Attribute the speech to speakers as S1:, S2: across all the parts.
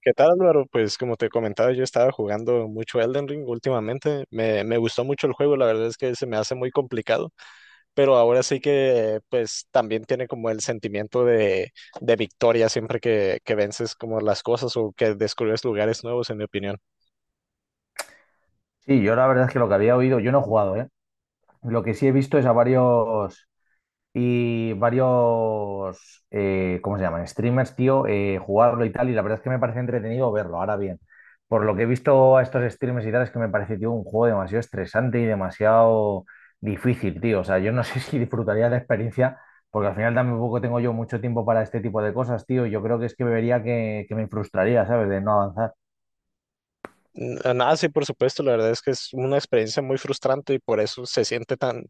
S1: ¿Qué tal, Álvaro? Pues como te comentaba, yo estaba jugando mucho Elden Ring últimamente. Me gustó mucho el juego, la verdad es que se me hace muy complicado, pero ahora sí que pues también tiene como el sentimiento de victoria siempre que vences como las cosas o que descubres lugares nuevos, en mi opinión.
S2: Sí, yo la verdad es que lo que había oído, yo no he jugado, ¿eh? Lo que sí he visto es a varios y varios, ¿cómo se llaman? Streamers, tío, jugarlo y tal, y la verdad es que me parece entretenido verlo. Ahora bien, por lo que he visto a estos streamers y tal, es que me parece, tío, un juego demasiado estresante y demasiado difícil, tío. O sea, yo no sé si disfrutaría la experiencia, porque al final tampoco tengo yo mucho tiempo para este tipo de cosas, tío. Yo creo que es que vería que me frustraría, ¿sabes? De no avanzar.
S1: Nada, sí, por supuesto, la verdad es que es una experiencia muy frustrante y por eso se siente tan,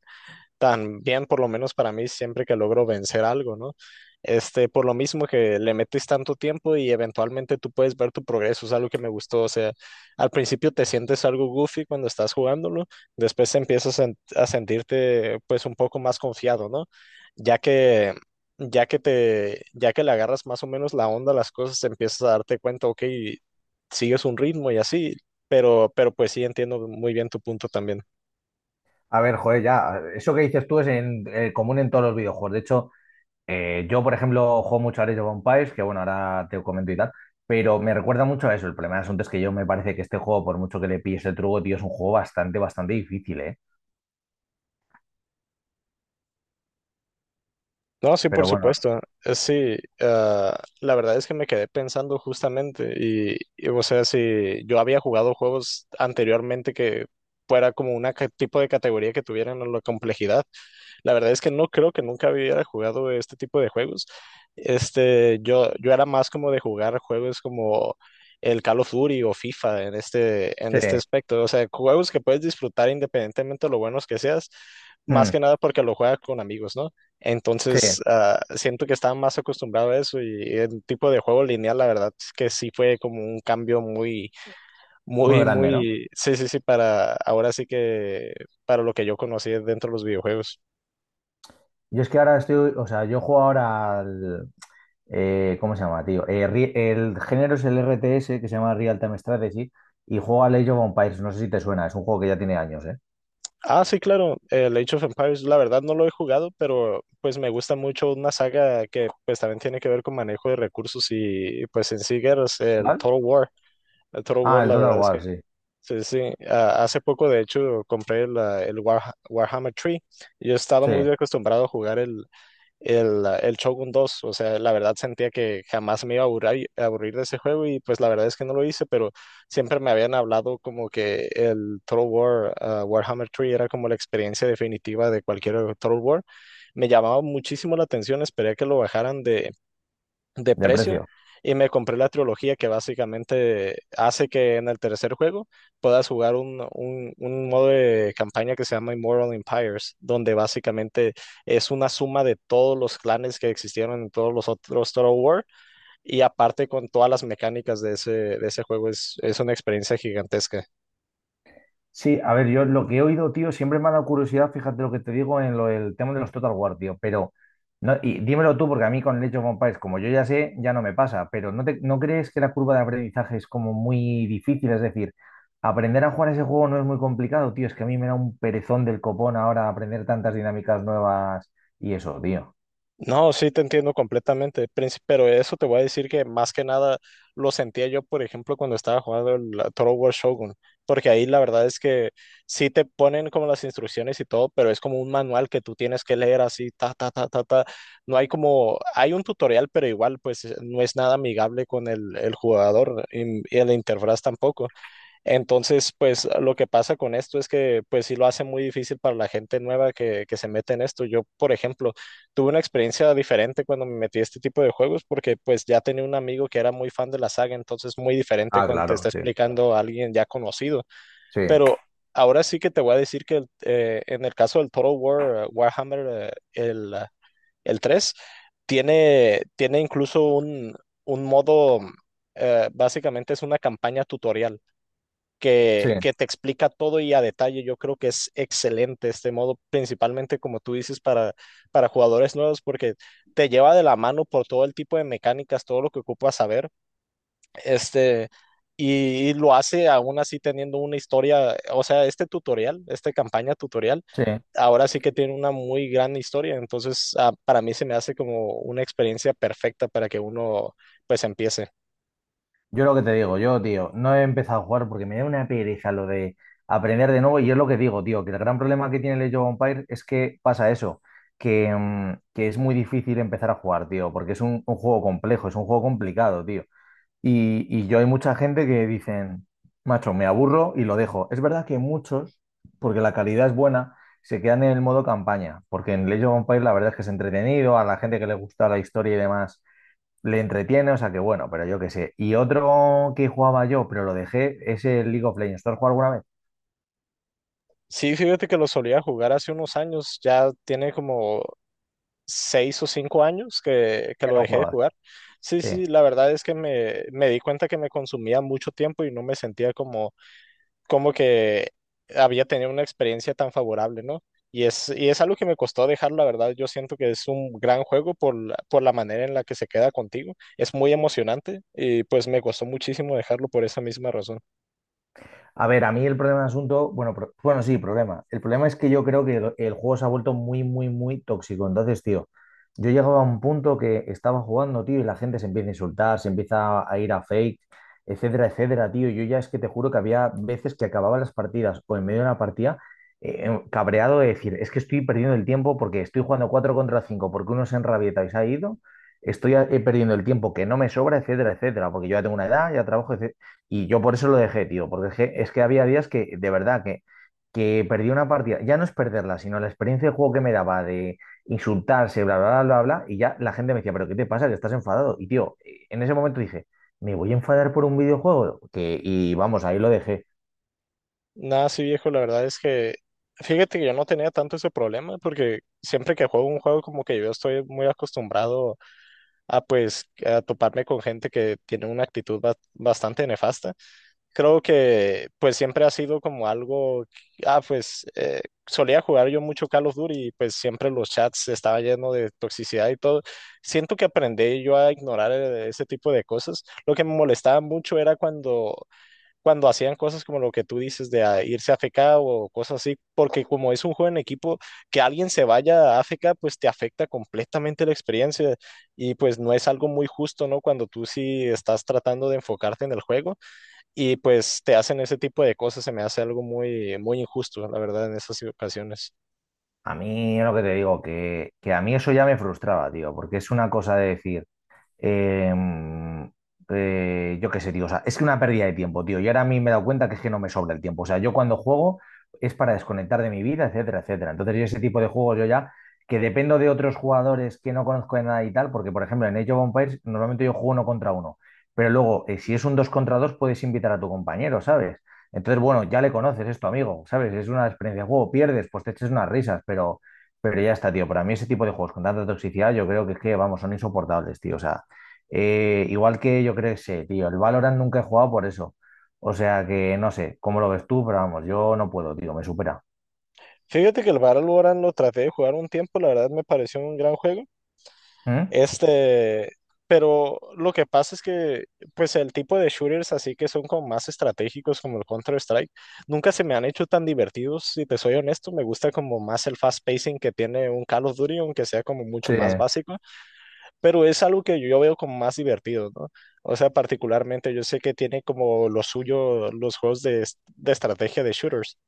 S1: también, por lo menos para mí, siempre que logro vencer algo, ¿no? Este, por lo mismo que le metes tanto tiempo y eventualmente tú puedes ver tu progreso, es algo que me gustó, o sea, al principio te sientes algo goofy cuando estás jugándolo, después empiezas a sentirte pues un poco más confiado, ¿no? Ya que ya que le agarras más o menos la onda a las cosas, empiezas a darte cuenta, ok, sigues un ritmo y así, pero pues sí entiendo muy bien tu punto también.
S2: A ver, joder, ya, eso que dices tú es común en todos los videojuegos. De hecho, yo, por ejemplo, juego mucho a Age of Empires, que bueno, ahora te comento y tal, pero me recuerda mucho a eso. El problema del asunto es que yo me parece que este juego, por mucho que le pilles el truco, tío, es un juego bastante, bastante difícil, ¿eh?
S1: No, sí, por
S2: Pero bueno,
S1: supuesto. Sí, la verdad es que me quedé pensando justamente y, o sea, si yo había jugado juegos anteriormente que fuera como una tipo de categoría que tuvieran la complejidad. La verdad es que no creo que nunca hubiera jugado este tipo de juegos. Este, yo era más como de jugar juegos como el Call of Duty o FIFA en en
S2: sí,
S1: este aspecto. O sea, juegos que puedes disfrutar independientemente de lo buenos que seas, más
S2: mm,
S1: que nada porque lo juegas con amigos, ¿no?
S2: sí,
S1: Entonces, siento que estaba más acostumbrado a eso y el tipo de juego lineal, la verdad es que sí fue como un cambio
S2: muy grande, ¿no?
S1: sí, sí, sí, para ahora sí que para lo que yo conocí dentro de los videojuegos.
S2: Yo es que ahora estoy, o sea, yo juego ahora al, ¿cómo se llama, tío? El género es el RTS, que se llama Real Time Strategy, y juego al Age of Empires, no sé si te suena, es un juego que ya tiene años, ¿eh?
S1: Ah, sí, claro. El Age of Empires, la verdad no lo he jugado, pero pues me gusta mucho una saga que pues también tiene que ver con manejo de recursos y pues en sí guerras, el
S2: ¿Vale?
S1: Total War. El Total
S2: Ah,
S1: War,
S2: el
S1: la
S2: Total
S1: verdad es que
S2: War, sí.
S1: sí, sí. Ah, hace poco, de hecho, compré el Warhammer 3. Yo estaba
S2: Sí,
S1: muy acostumbrado a jugar el Shogun dos. O sea, la verdad sentía que jamás me iba a aburrir de ese juego y pues la verdad es que no lo hice, pero siempre me habían hablado como que el Total War, Warhammer 3 era como la experiencia definitiva de cualquier Total War. Me llamaba muchísimo la atención, esperé a que lo bajaran de
S2: de
S1: precio
S2: precio.
S1: y me compré la trilogía que básicamente hace que en el tercer juego puedas jugar un modo de campaña que se llama Immortal Empires, donde básicamente es una suma de todos los clanes que existieron en todos los otros Total War y aparte con todas las mecánicas de de ese juego es una experiencia gigantesca.
S2: Sí, a ver, yo lo que he oído, tío, siempre me ha dado curiosidad, fíjate lo que te digo en lo, el tema de los Total War, tío, pero no, y dímelo tú, porque a mí con el Age of Empires, como yo ya sé, ya no me pasa, pero ¿ no crees que la curva de aprendizaje es como muy difícil? Es decir, aprender a jugar ese juego no es muy complicado, tío, es que a mí me da un perezón del copón ahora aprender tantas dinámicas nuevas y eso, tío.
S1: No, sí te entiendo completamente, Prince, pero eso te voy a decir que más que nada lo sentía yo, por ejemplo, cuando estaba jugando el la Total War Shogun, porque ahí la verdad es que sí te ponen como las instrucciones y todo, pero es como un manual que tú tienes que leer así, ta, ta, ta, ta, ta. No hay como, hay un tutorial, pero igual pues no es nada amigable con el jugador y la interfaz tampoco. Entonces, pues lo que pasa con esto es que pues sí lo hace muy difícil para la gente nueva que se mete en esto. Yo, por ejemplo, tuve una experiencia diferente cuando me metí a este tipo de juegos porque pues ya tenía un amigo que era muy fan de la saga, entonces muy diferente
S2: Ah,
S1: cuando te
S2: claro,
S1: está
S2: sí.
S1: explicando a alguien ya conocido.
S2: Sí,
S1: Pero ahora sí que te voy a decir que en el caso del Total War, Warhammer, el 3 tiene, tiene incluso un modo, básicamente es una campaña tutorial
S2: sí,
S1: que te explica todo y a detalle. Yo creo que es excelente este modo, principalmente como tú dices, para jugadores nuevos, porque te lleva de la mano por todo el tipo de mecánicas, todo lo que ocupas saber. Este, y lo hace aún así teniendo una historia, o sea, este tutorial, esta campaña tutorial,
S2: sí.
S1: ahora sí que tiene una muy gran historia. Entonces, para mí se me hace como una experiencia perfecta para que uno pues empiece.
S2: Yo lo que te digo, yo, tío, no he empezado a jugar porque me da una pereza lo de aprender de nuevo. Y es lo que digo, tío, que el gran problema que tiene el Age of Empires es que pasa eso, que es muy difícil empezar a jugar, tío, porque es un juego complejo, es un juego complicado, tío. Y yo hay mucha gente que dicen, macho, me aburro y lo dejo. Es verdad que muchos, porque la calidad es buena, se quedan en el modo campaña, porque en el Age of Empires la verdad es que es entretenido, a la gente que le gusta la historia y demás le entretiene, o sea que bueno, pero yo qué sé. Y otro que jugaba yo, pero lo dejé, es el League of Legends. ¿Tú has jugado alguna vez?
S1: Sí, fíjate que lo solía jugar hace unos años, ya tiene como seis o cinco años que
S2: Que
S1: lo
S2: no
S1: dejé de
S2: jugabas.
S1: jugar. Sí,
S2: Sí.
S1: sí, la verdad es que me di cuenta que me consumía mucho tiempo y no me sentía como, como que había tenido una experiencia tan favorable, ¿no? Y es algo que me costó dejar, la verdad, yo siento que es un gran juego por, por la manera en la que se queda contigo. Es muy emocionante y pues me costó muchísimo dejarlo por esa misma razón.
S2: A ver, a mí el problema del asunto, bueno, bueno, sí, problema. El problema es que yo creo que el juego se ha vuelto muy, muy, muy tóxico. Entonces, tío, yo llegaba a un punto que estaba jugando, tío, y la gente se empieza a insultar, se empieza a ir a fake, etcétera, etcétera, tío. Yo ya es que te juro que había veces que acababa las partidas o en medio de una partida cabreado de decir, es que estoy perdiendo el tiempo porque estoy jugando 4 contra 5 porque uno se enrabieta y se ha ido. Estoy perdiendo el tiempo que no me sobra, etcétera, etcétera, porque yo ya tengo una edad, ya trabajo, etc. Y yo por eso lo dejé, tío, porque es que había días que, de verdad, que perdí una partida. Ya no es perderla, sino la experiencia de juego que me daba de insultarse, bla, bla, bla, bla, bla. Y ya la gente me decía, pero ¿qué te pasa? Que estás enfadado. Y, tío, en ese momento dije, ¿me voy a enfadar por un videojuego? Que, y vamos, ahí lo dejé.
S1: Nada, sí, viejo, la verdad es que fíjate que yo no tenía tanto ese problema porque siempre que juego un juego como que yo estoy muy acostumbrado a pues a toparme con gente que tiene una actitud bastante nefasta. Creo que pues siempre ha sido como algo, pues solía jugar yo mucho Call of Duty y pues siempre los chats estaban llenos de toxicidad y todo. Siento que aprendí yo a ignorar ese tipo de cosas. Lo que me molestaba mucho era cuando hacían cosas como lo que tú dices de irse a AFK o cosas así, porque como es un juego en equipo, que alguien se vaya a AFK, pues te afecta completamente la experiencia y pues no es algo muy justo, ¿no? Cuando tú sí estás tratando de enfocarte en el juego y pues te hacen ese tipo de cosas, se me hace algo muy, muy injusto, la verdad, en esas ocasiones.
S2: A mí, lo que te digo, que a mí eso ya me frustraba, tío, porque es una cosa de decir Eh, yo qué sé, tío. O sea, es que una pérdida de tiempo, tío. Y ahora a mí me he dado cuenta que es que no me sobra el tiempo. O sea, yo cuando juego es para desconectar de mi vida, etcétera, etcétera. Entonces, yo ese tipo de juegos yo ya, que dependo de otros jugadores que no conozco de nada y tal, porque, por ejemplo, en Age of Empires normalmente yo juego uno contra uno. Pero luego, si es un dos contra dos, puedes invitar a tu compañero, ¿sabes? Entonces, bueno, ya le conoces, es tu amigo, ¿sabes? Es una experiencia de juego. Pierdes, pues te eches unas risas, pero ya está, tío. Para mí ese tipo de juegos con tanta toxicidad, yo creo que es que, vamos, son insoportables, tío. O sea, igual que yo creo que sé, tío, el Valorant nunca he jugado por eso. O sea que no sé cómo lo ves tú, pero vamos, yo no puedo, tío, me supera.
S1: Fíjate que el Valorant lo traté de jugar un tiempo, la verdad me pareció un gran juego.
S2: ¿Mm?
S1: Este, pero lo que pasa es que, pues el tipo de shooters así que son como más estratégicos como el Counter-Strike, nunca se me han hecho tan divertidos, si te soy honesto, me gusta como más el fast pacing que tiene un Call of Duty, aunque sea como mucho
S2: Sí,
S1: más básico, pero es algo que yo veo como más divertido, ¿no? O sea, particularmente yo sé que tiene como lo suyo los juegos de, de estrategia de shooters.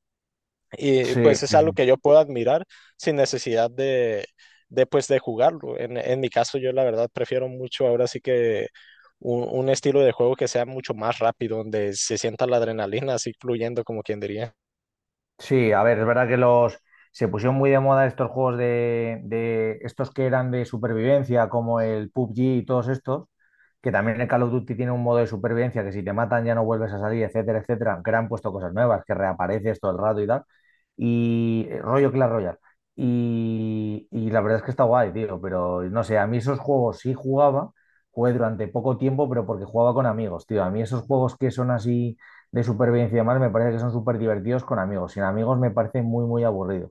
S1: Y
S2: sí,
S1: pues es algo
S2: sí.
S1: que yo puedo admirar sin necesidad de, pues, de jugarlo. En mi caso, yo la verdad prefiero mucho ahora sí que un estilo de juego que sea mucho más rápido, donde se sienta la adrenalina así fluyendo, como quien diría.
S2: Sí, a ver, es verdad que los se pusieron muy de moda estos juegos de estos que eran de supervivencia, como el PUBG y todos estos, que también el Call of Duty tiene un modo de supervivencia que si te matan ya no vuelves a salir, etcétera, etcétera, que le han puesto cosas nuevas, que reapareces todo el rato y tal. Y rollo Clash Royale. Y la verdad es que está guay, tío, pero no sé, a mí esos juegos sí jugaba, jugué durante poco tiempo, pero porque jugaba con amigos, tío. A mí esos juegos que son así de supervivencia y demás, me parece que son súper divertidos con amigos. Sin amigos me parece muy, muy aburrido.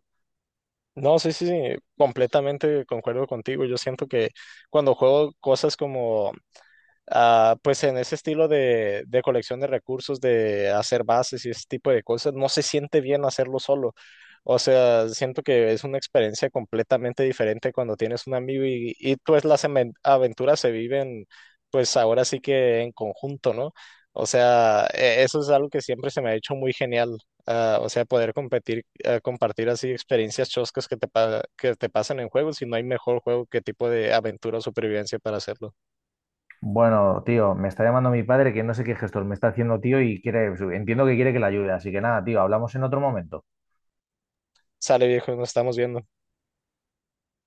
S1: No, sí, sí, sí, completamente concuerdo contigo. Yo siento que cuando juego cosas como pues en ese estilo de colección de recursos, de hacer bases y ese tipo de cosas, no se siente bien hacerlo solo. O sea, siento que es una experiencia completamente diferente cuando tienes un amigo y pues las aventuras se viven, pues ahora sí que en conjunto, ¿no? O sea, eso es algo que siempre se me ha hecho muy genial. O sea, poder competir, compartir así experiencias choscas que que te pasan en juegos y no hay mejor juego que tipo de aventura o supervivencia para hacerlo.
S2: Bueno, tío, me está llamando mi padre que no sé qué gestor me está haciendo, tío, y quiere, entiendo que quiere que le ayude. Así que nada, tío, hablamos en otro momento.
S1: Sale viejo, nos estamos viendo.